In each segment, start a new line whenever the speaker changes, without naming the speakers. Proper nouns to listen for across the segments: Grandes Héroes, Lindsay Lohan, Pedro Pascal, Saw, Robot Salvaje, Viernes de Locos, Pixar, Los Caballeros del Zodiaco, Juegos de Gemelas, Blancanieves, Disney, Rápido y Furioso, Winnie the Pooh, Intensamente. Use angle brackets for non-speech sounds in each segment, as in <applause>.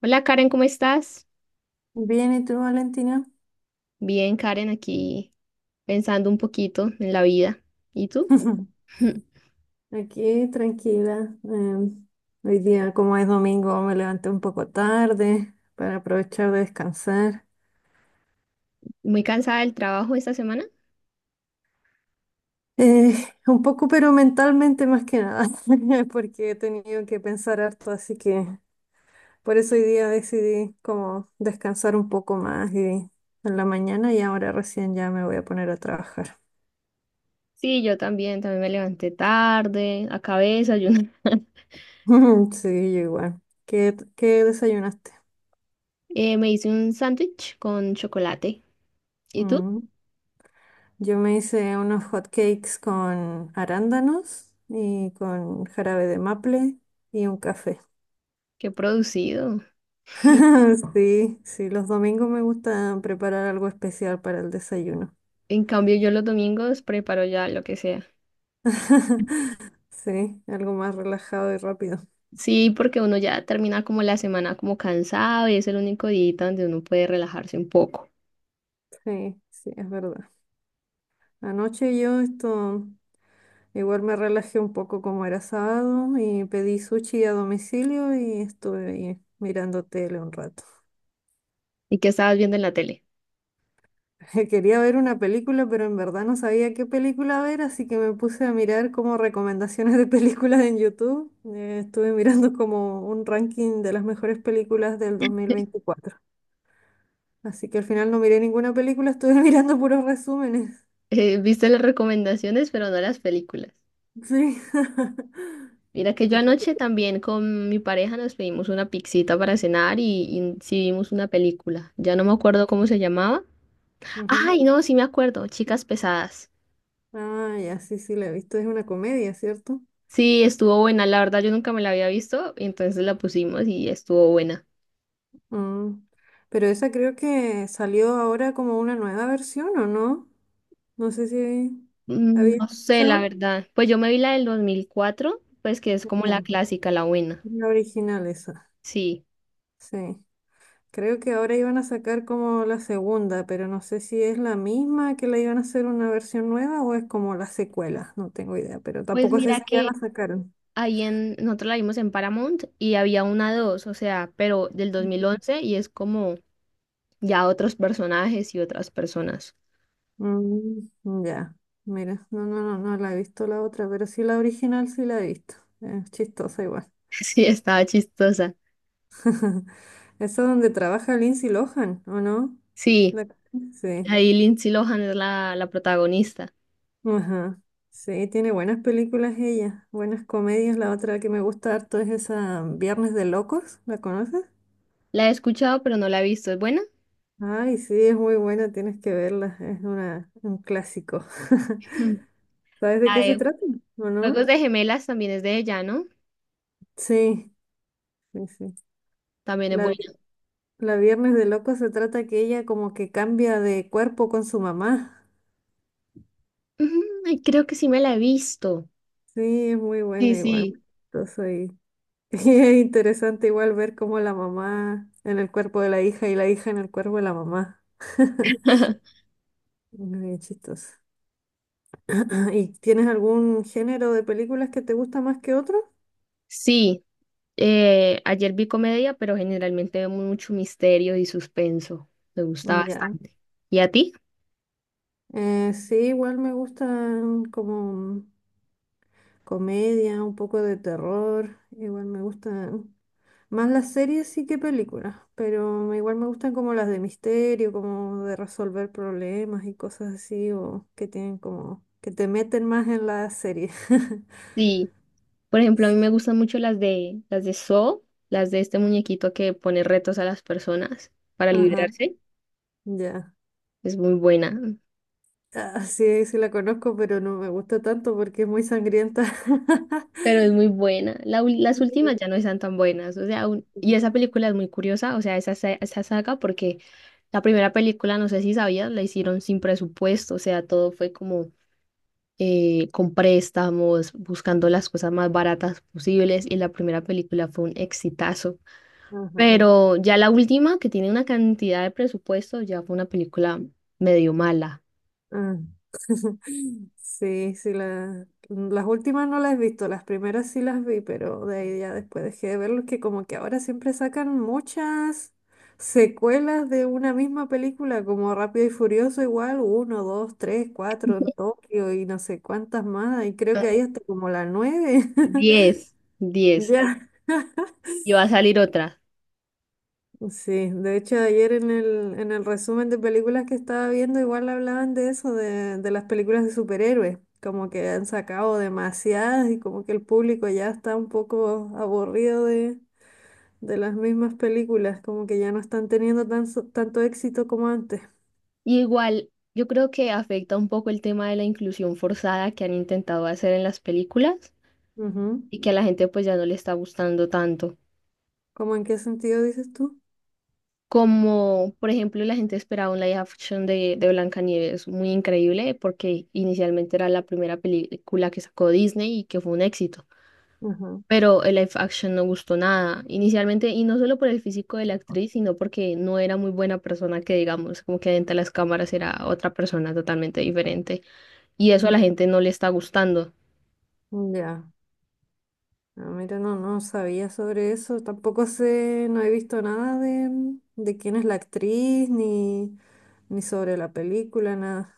Hola Karen, ¿cómo estás?
Bien, ¿y tú, Valentina?
Bien, Karen, aquí pensando un poquito en la vida. ¿Y tú?
<clears throat>
<laughs>
Aquí, tranquila. Hoy día, como es domingo, me levanté un poco tarde para aprovechar de descansar.
¿Muy cansada del trabajo esta semana?
Eh, <laughs> un poco, pero mentalmente más que nada, <laughs> porque he tenido que pensar harto, así que por eso hoy día decidí como descansar un poco más y en la mañana y ahora recién ya me voy a poner a trabajar.
Sí, yo también, me levanté tarde, acabé de desayunar. <laughs>
<laughs> Sí, yo igual. ¿Qué desayunaste?
Me hice un sándwich con chocolate. ¿Y tú?
Mm. Yo me hice unos hot cakes con arándanos y con jarabe de maple y un café.
Qué producido.
<laughs> Sí, sí, los domingos me gusta preparar algo especial para el desayuno.
En cambio, yo los domingos preparo ya lo que sea.
<laughs> Sí, algo más relajado y rápido.
Sí, porque uno ya termina como la semana como cansado y es el único día donde uno puede relajarse un poco.
Sí, sí, es verdad. Anoche yo esto igual me relajé un poco como era sábado y pedí sushi a domicilio y estuve ahí mirando tele un rato.
¿Y qué estabas viendo en la tele? <laughs>
<laughs> Quería ver una película, pero en verdad no sabía qué película ver, así que me puse a mirar como recomendaciones de películas en YouTube. Estuve mirando como un ranking de las mejores películas del 2024. Así que al final no miré ninguna película, estuve <laughs> mirando puros resúmenes.
Viste las recomendaciones, pero no las películas.
Sí. <laughs>
Mira que yo
Sí.
anoche también con mi pareja nos pedimos una pixita para cenar y sí vimos una película. Ya no me acuerdo cómo se llamaba.
Ujú.
Ay, no, sí me acuerdo, Chicas Pesadas.
Ah, ya, sí, sí, la he visto. Es una comedia, ¿cierto?
Sí, estuvo buena, la verdad yo nunca me la había visto, entonces la pusimos y estuvo buena.
Mm. Pero esa creo que salió ahora como una nueva versión, ¿o no? No sé si
Mm,
había
no sé, la
escuchado.
verdad. Pues yo me vi la del 2004, pues que es como la clásica, la buena.
La original esa,
Sí.
sí. Creo que ahora iban a sacar como la segunda, pero no sé si es la misma que la iban a hacer una versión nueva o es como la secuela, no tengo idea, pero
Pues
tampoco sé
mira
si ya
que
la sacaron.
nosotros la vimos en Paramount y había una dos, o sea, pero del 2011 y es como ya otros personajes y otras personas.
Mm, ya, mira, no la he visto la otra, pero sí la original sí la he visto. Es chistosa igual.
<laughs> Sí, estaba chistosa.
<laughs> Eso es donde trabaja Lindsay Lohan, ¿o no?
Sí,
La- Sí.
ahí Lindsay Lohan es la protagonista.
Ajá. Sí, tiene buenas películas ella, buenas comedias. La otra que me gusta harto es esa Viernes de Locos, ¿la conoces?
La he escuchado, pero no la he visto. ¿Es buena?
Ay, sí, es muy buena, tienes que verla, un clásico.
<laughs> Ujú.
<laughs> ¿Sabes de
La
qué se
de
trata? ¿O no?
Juegos de Gemelas también es de ella, ¿no?
Sí, sí, sí.
También es
La, vi-
buena.
la Viernes de Locos se trata que ella como que cambia de cuerpo con su mamá.
Ujú, ay, creo que sí me la he visto.
Sí, es muy
Sí,
buena igual.
sí.
Yo soy <laughs> Es interesante igual ver cómo la mamá en el cuerpo de la hija y la hija en el cuerpo de la mamá. <laughs>
<laughs>
Muy chistoso. <clears throat> ¿Y tienes algún género de películas que te gusta más que otro?
Sí, ayer vi comedia, pero generalmente veo mucho misterio y suspenso. Me gusta
Ya.
bastante. ¿Y a ti?
Sí, igual me gustan como comedia, un poco de terror, igual me gusta. Más las series sí que películas, pero igual me gustan como las de misterio, como de resolver problemas y cosas así, o que tienen como, que te meten más en la serie. <laughs>
Sí. Por ejemplo, a mí
Sí.
me gustan mucho las de Saw, las de este muñequito que pone retos a las personas para
Ajá,
liberarse.
ya.
Es muy buena,
Ah, sí, sí la conozco, pero no me gusta tanto porque es muy sangrienta. <laughs>
pero es muy buena. Las últimas ya no están tan buenas, o sea, y
Sí.
esa película es muy curiosa, o sea, esa saga porque la primera película, no sé si sabías, la hicieron sin presupuesto, o sea, todo fue como con préstamos, buscando las cosas más baratas posibles y la primera película fue un exitazo.
Ajá,
Pero ya la última, que tiene una cantidad de presupuesto, ya fue una película medio mala.
ajá. <laughs> Sí, sí, las últimas no las he visto, las primeras sí las vi, pero de ahí ya después dejé de verlos, que como que ahora siempre sacan muchas secuelas de una misma película, como Rápido y Furioso igual, uno, dos, tres, cuatro en Tokio y no sé cuántas más, y creo que ahí hasta como la nueve,
Diez,
<laughs>
diez,
ya.
y va a salir otra.
Sí, de hecho ayer en el resumen de películas que estaba viendo igual hablaban de eso, de las películas de superhéroes, como que han sacado demasiadas y como que el público ya está un poco aburrido de las mismas películas, como que ya no están teniendo tan, tanto éxito como antes.
Igual, yo creo que afecta un poco el tema de la inclusión forzada que han intentado hacer en las películas
Ujú.
y que a la gente pues ya no le está gustando tanto.
¿Cómo en qué sentido dices tú?
Como, por ejemplo, la gente esperaba un live action de Blancanieves muy increíble porque inicialmente era la primera película que sacó Disney y que fue un éxito.
Ujú.
Pero el live action no gustó nada inicialmente, y no solo por el físico de la actriz, sino porque no era muy buena persona, que digamos, como que dentro de las cámaras era otra persona totalmente diferente, y eso a la
Mm.
gente no le está gustando.
Ya. No, mira, no, no sabía sobre eso. Tampoco sé, no he visto nada de, de quién es la actriz, ni, ni sobre la película, nada.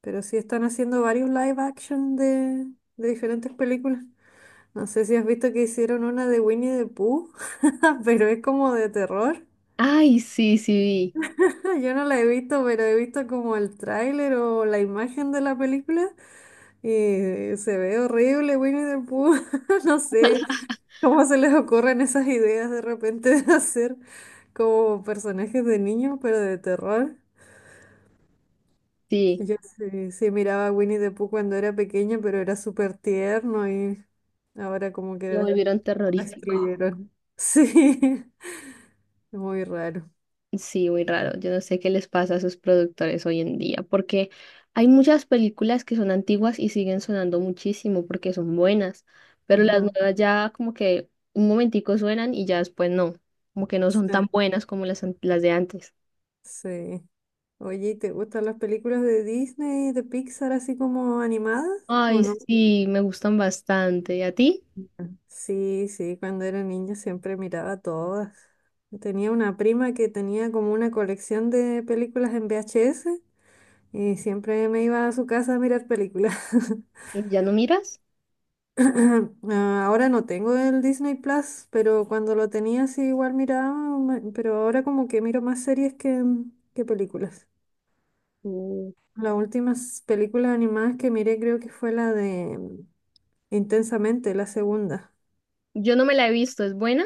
Pero sí están haciendo varios live action de diferentes películas. No sé si has visto que hicieron una de Winnie the Pooh, <laughs> pero es como de terror.
Ay, sí, sí, vi,
<laughs> Yo no la he visto, pero he visto como el tráiler o la imagen de la película y se ve horrible Winnie the Pooh. <laughs> No sé, ¿cómo se les ocurren esas ideas de repente de hacer como personajes de niños, pero de terror?
sí,
Yo sí, sí miraba a Winnie the Pooh cuando era pequeña, pero era súper tierno y ahora como que
lo
lo
volvieron terrorífico.
destruyeron. Sí, <laughs> muy raro.
Sí, muy raro. Yo no sé qué les pasa a sus productores hoy en día, porque hay muchas películas que son antiguas y siguen sonando muchísimo porque son buenas, pero las
Ajá.
nuevas ya como que un momentico suenan y ya después no, como que no son
Sí,
tan buenas como las, las de antes.
sí. Oye, ¿y te gustan las películas de Disney, de Pixar, así como animadas? ¿O
Ay,
no?
sí, me gustan bastante. ¿Y a ti?
Sí, sí, cuando era niña siempre miraba todas. Tenía una prima que tenía como una colección de películas en VHS y siempre me iba a su casa a mirar películas. <laughs>
¿Y ya no miras?
<clears throat> Ah, ahora no tengo el Disney Plus, pero cuando lo tenía sí igual miraba, pero ahora como que miro más series que películas.
Mm.
Las últimas películas animadas que miré creo que fue la de Intensamente, la segunda.
Yo no me la he visto, ¿es buena?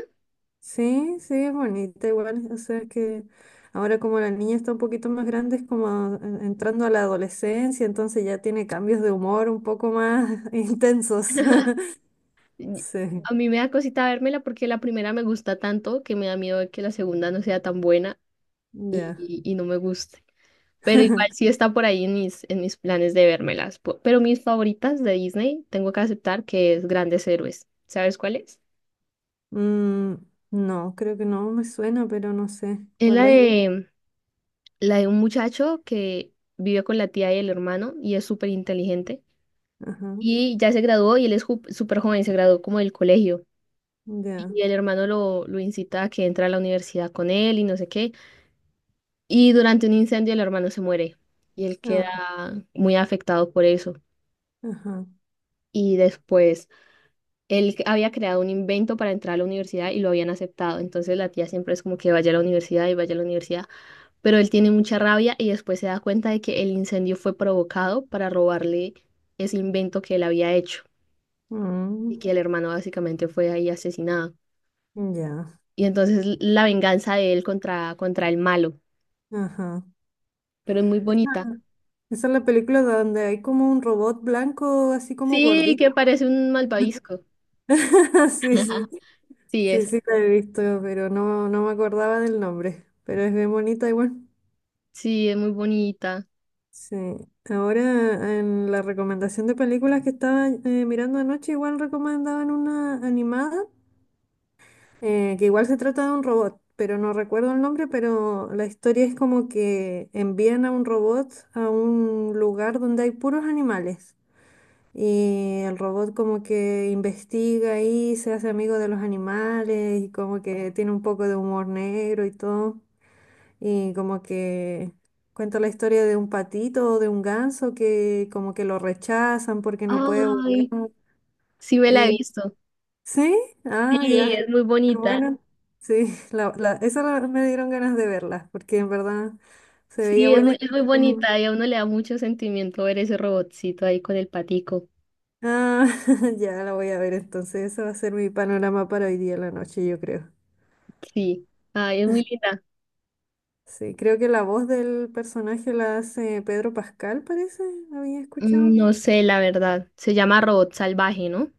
Sí, sí, es bonita igual. O sea que ahora como la niña está un poquito más grande, es como entrando a la adolescencia, entonces ya tiene cambios de humor un poco más <laughs> intensos.
<laughs>
<laughs>
Y-
Sí,
A mí me da cosita vérmela porque la primera me gusta tanto que me da miedo de que la segunda no sea tan buena y,
ya.
y y no me guste. Pero igual sí
<laughs>
está por ahí en mis planes de vérmelas. Pero mis favoritas de Disney, tengo que aceptar que es Grandes Héroes. ¿Sabes cuál es?
Mm, no, creo que no me suena, pero no sé
Es la
cuál
Ok.
es.
La de un muchacho que vive con la tía y el hermano y es súper inteligente.
Ajá,
Y ya se graduó y él es súper joven, se graduó como del colegio.
ya.
Y el hermano lo incita a que entre a la universidad con él y no sé qué. Y durante un incendio el hermano se muere y él
Ah,
queda muy afectado por eso.
ajá.
Y después él había creado un invento para entrar a la universidad y lo habían aceptado. Entonces la tía siempre es como que vaya a la universidad y vaya a la universidad. Pero él tiene mucha rabia y después se da cuenta de que el incendio fue provocado para robarle ese invento que él había hecho y
Mm,
que el hermano básicamente fue ahí asesinado.
ya.
Y entonces la venganza de él contra el malo.
Ajá.
Pero es muy
Esa
bonita.
Esa es la película donde hay como un robot blanco así como
Sí, que
gordito.
parece un malvavisco.
<laughs> Sí, sí.
<laughs> Sí,
Sí,
es.
sí, la he visto, pero no, no me acordaba del nombre. Pero es bien bonita igual.
Sí, es muy bonita.
Sí. Ahora en la recomendación de películas que estaba mirando anoche, igual recomendaban una animada, que igual se trata de un robot, pero no recuerdo el nombre, pero la historia es como que envían a un robot a un lugar donde hay puros animales. Y el robot como que investiga ahí, se hace amigo de los animales y como que tiene un poco de humor negro y todo. Y como que cuenta la historia de un patito o de un ganso que como que lo rechazan porque no puede
Ay,
volar.
sí me la he
Y
visto.
sí, ah,
Sí,
ya.
es muy
Pero
bonita.
bueno, sí, <laughs> me dieron ganas de verla, porque en verdad se veía
Sí,
buena. Y
es muy
creo
bonita y a uno le da mucho sentimiento ver ese robotcito ahí con el patico.
ah, <laughs> ya la voy a ver entonces. Ese va a ser mi panorama para hoy día en la noche, yo creo.
Sí, ay, es muy linda.
Sí, creo que la voz del personaje la hace Pedro Pascal, parece. ¿Había
Mm,
escuchado?
no sé, la verdad. Se llama Robot Salvaje, ¿no?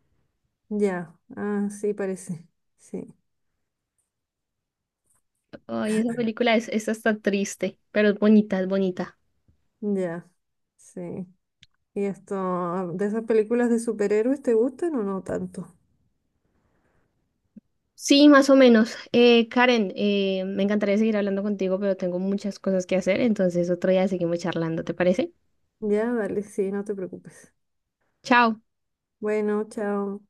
Ya, ah, sí, parece. Sí.
Ay, esa película es hasta triste, pero es bonita, es bonita.
Ya, sí. ¿Y esto, de esas películas de superhéroes, te gustan o no tanto?
Sí, más o menos. Karen, me encantaría seguir hablando contigo, pero tengo muchas cosas que hacer, entonces otro día seguimos charlando, ¿te parece?
Ya, dale, sí, no te preocupes.
Chao.
Bueno, chao.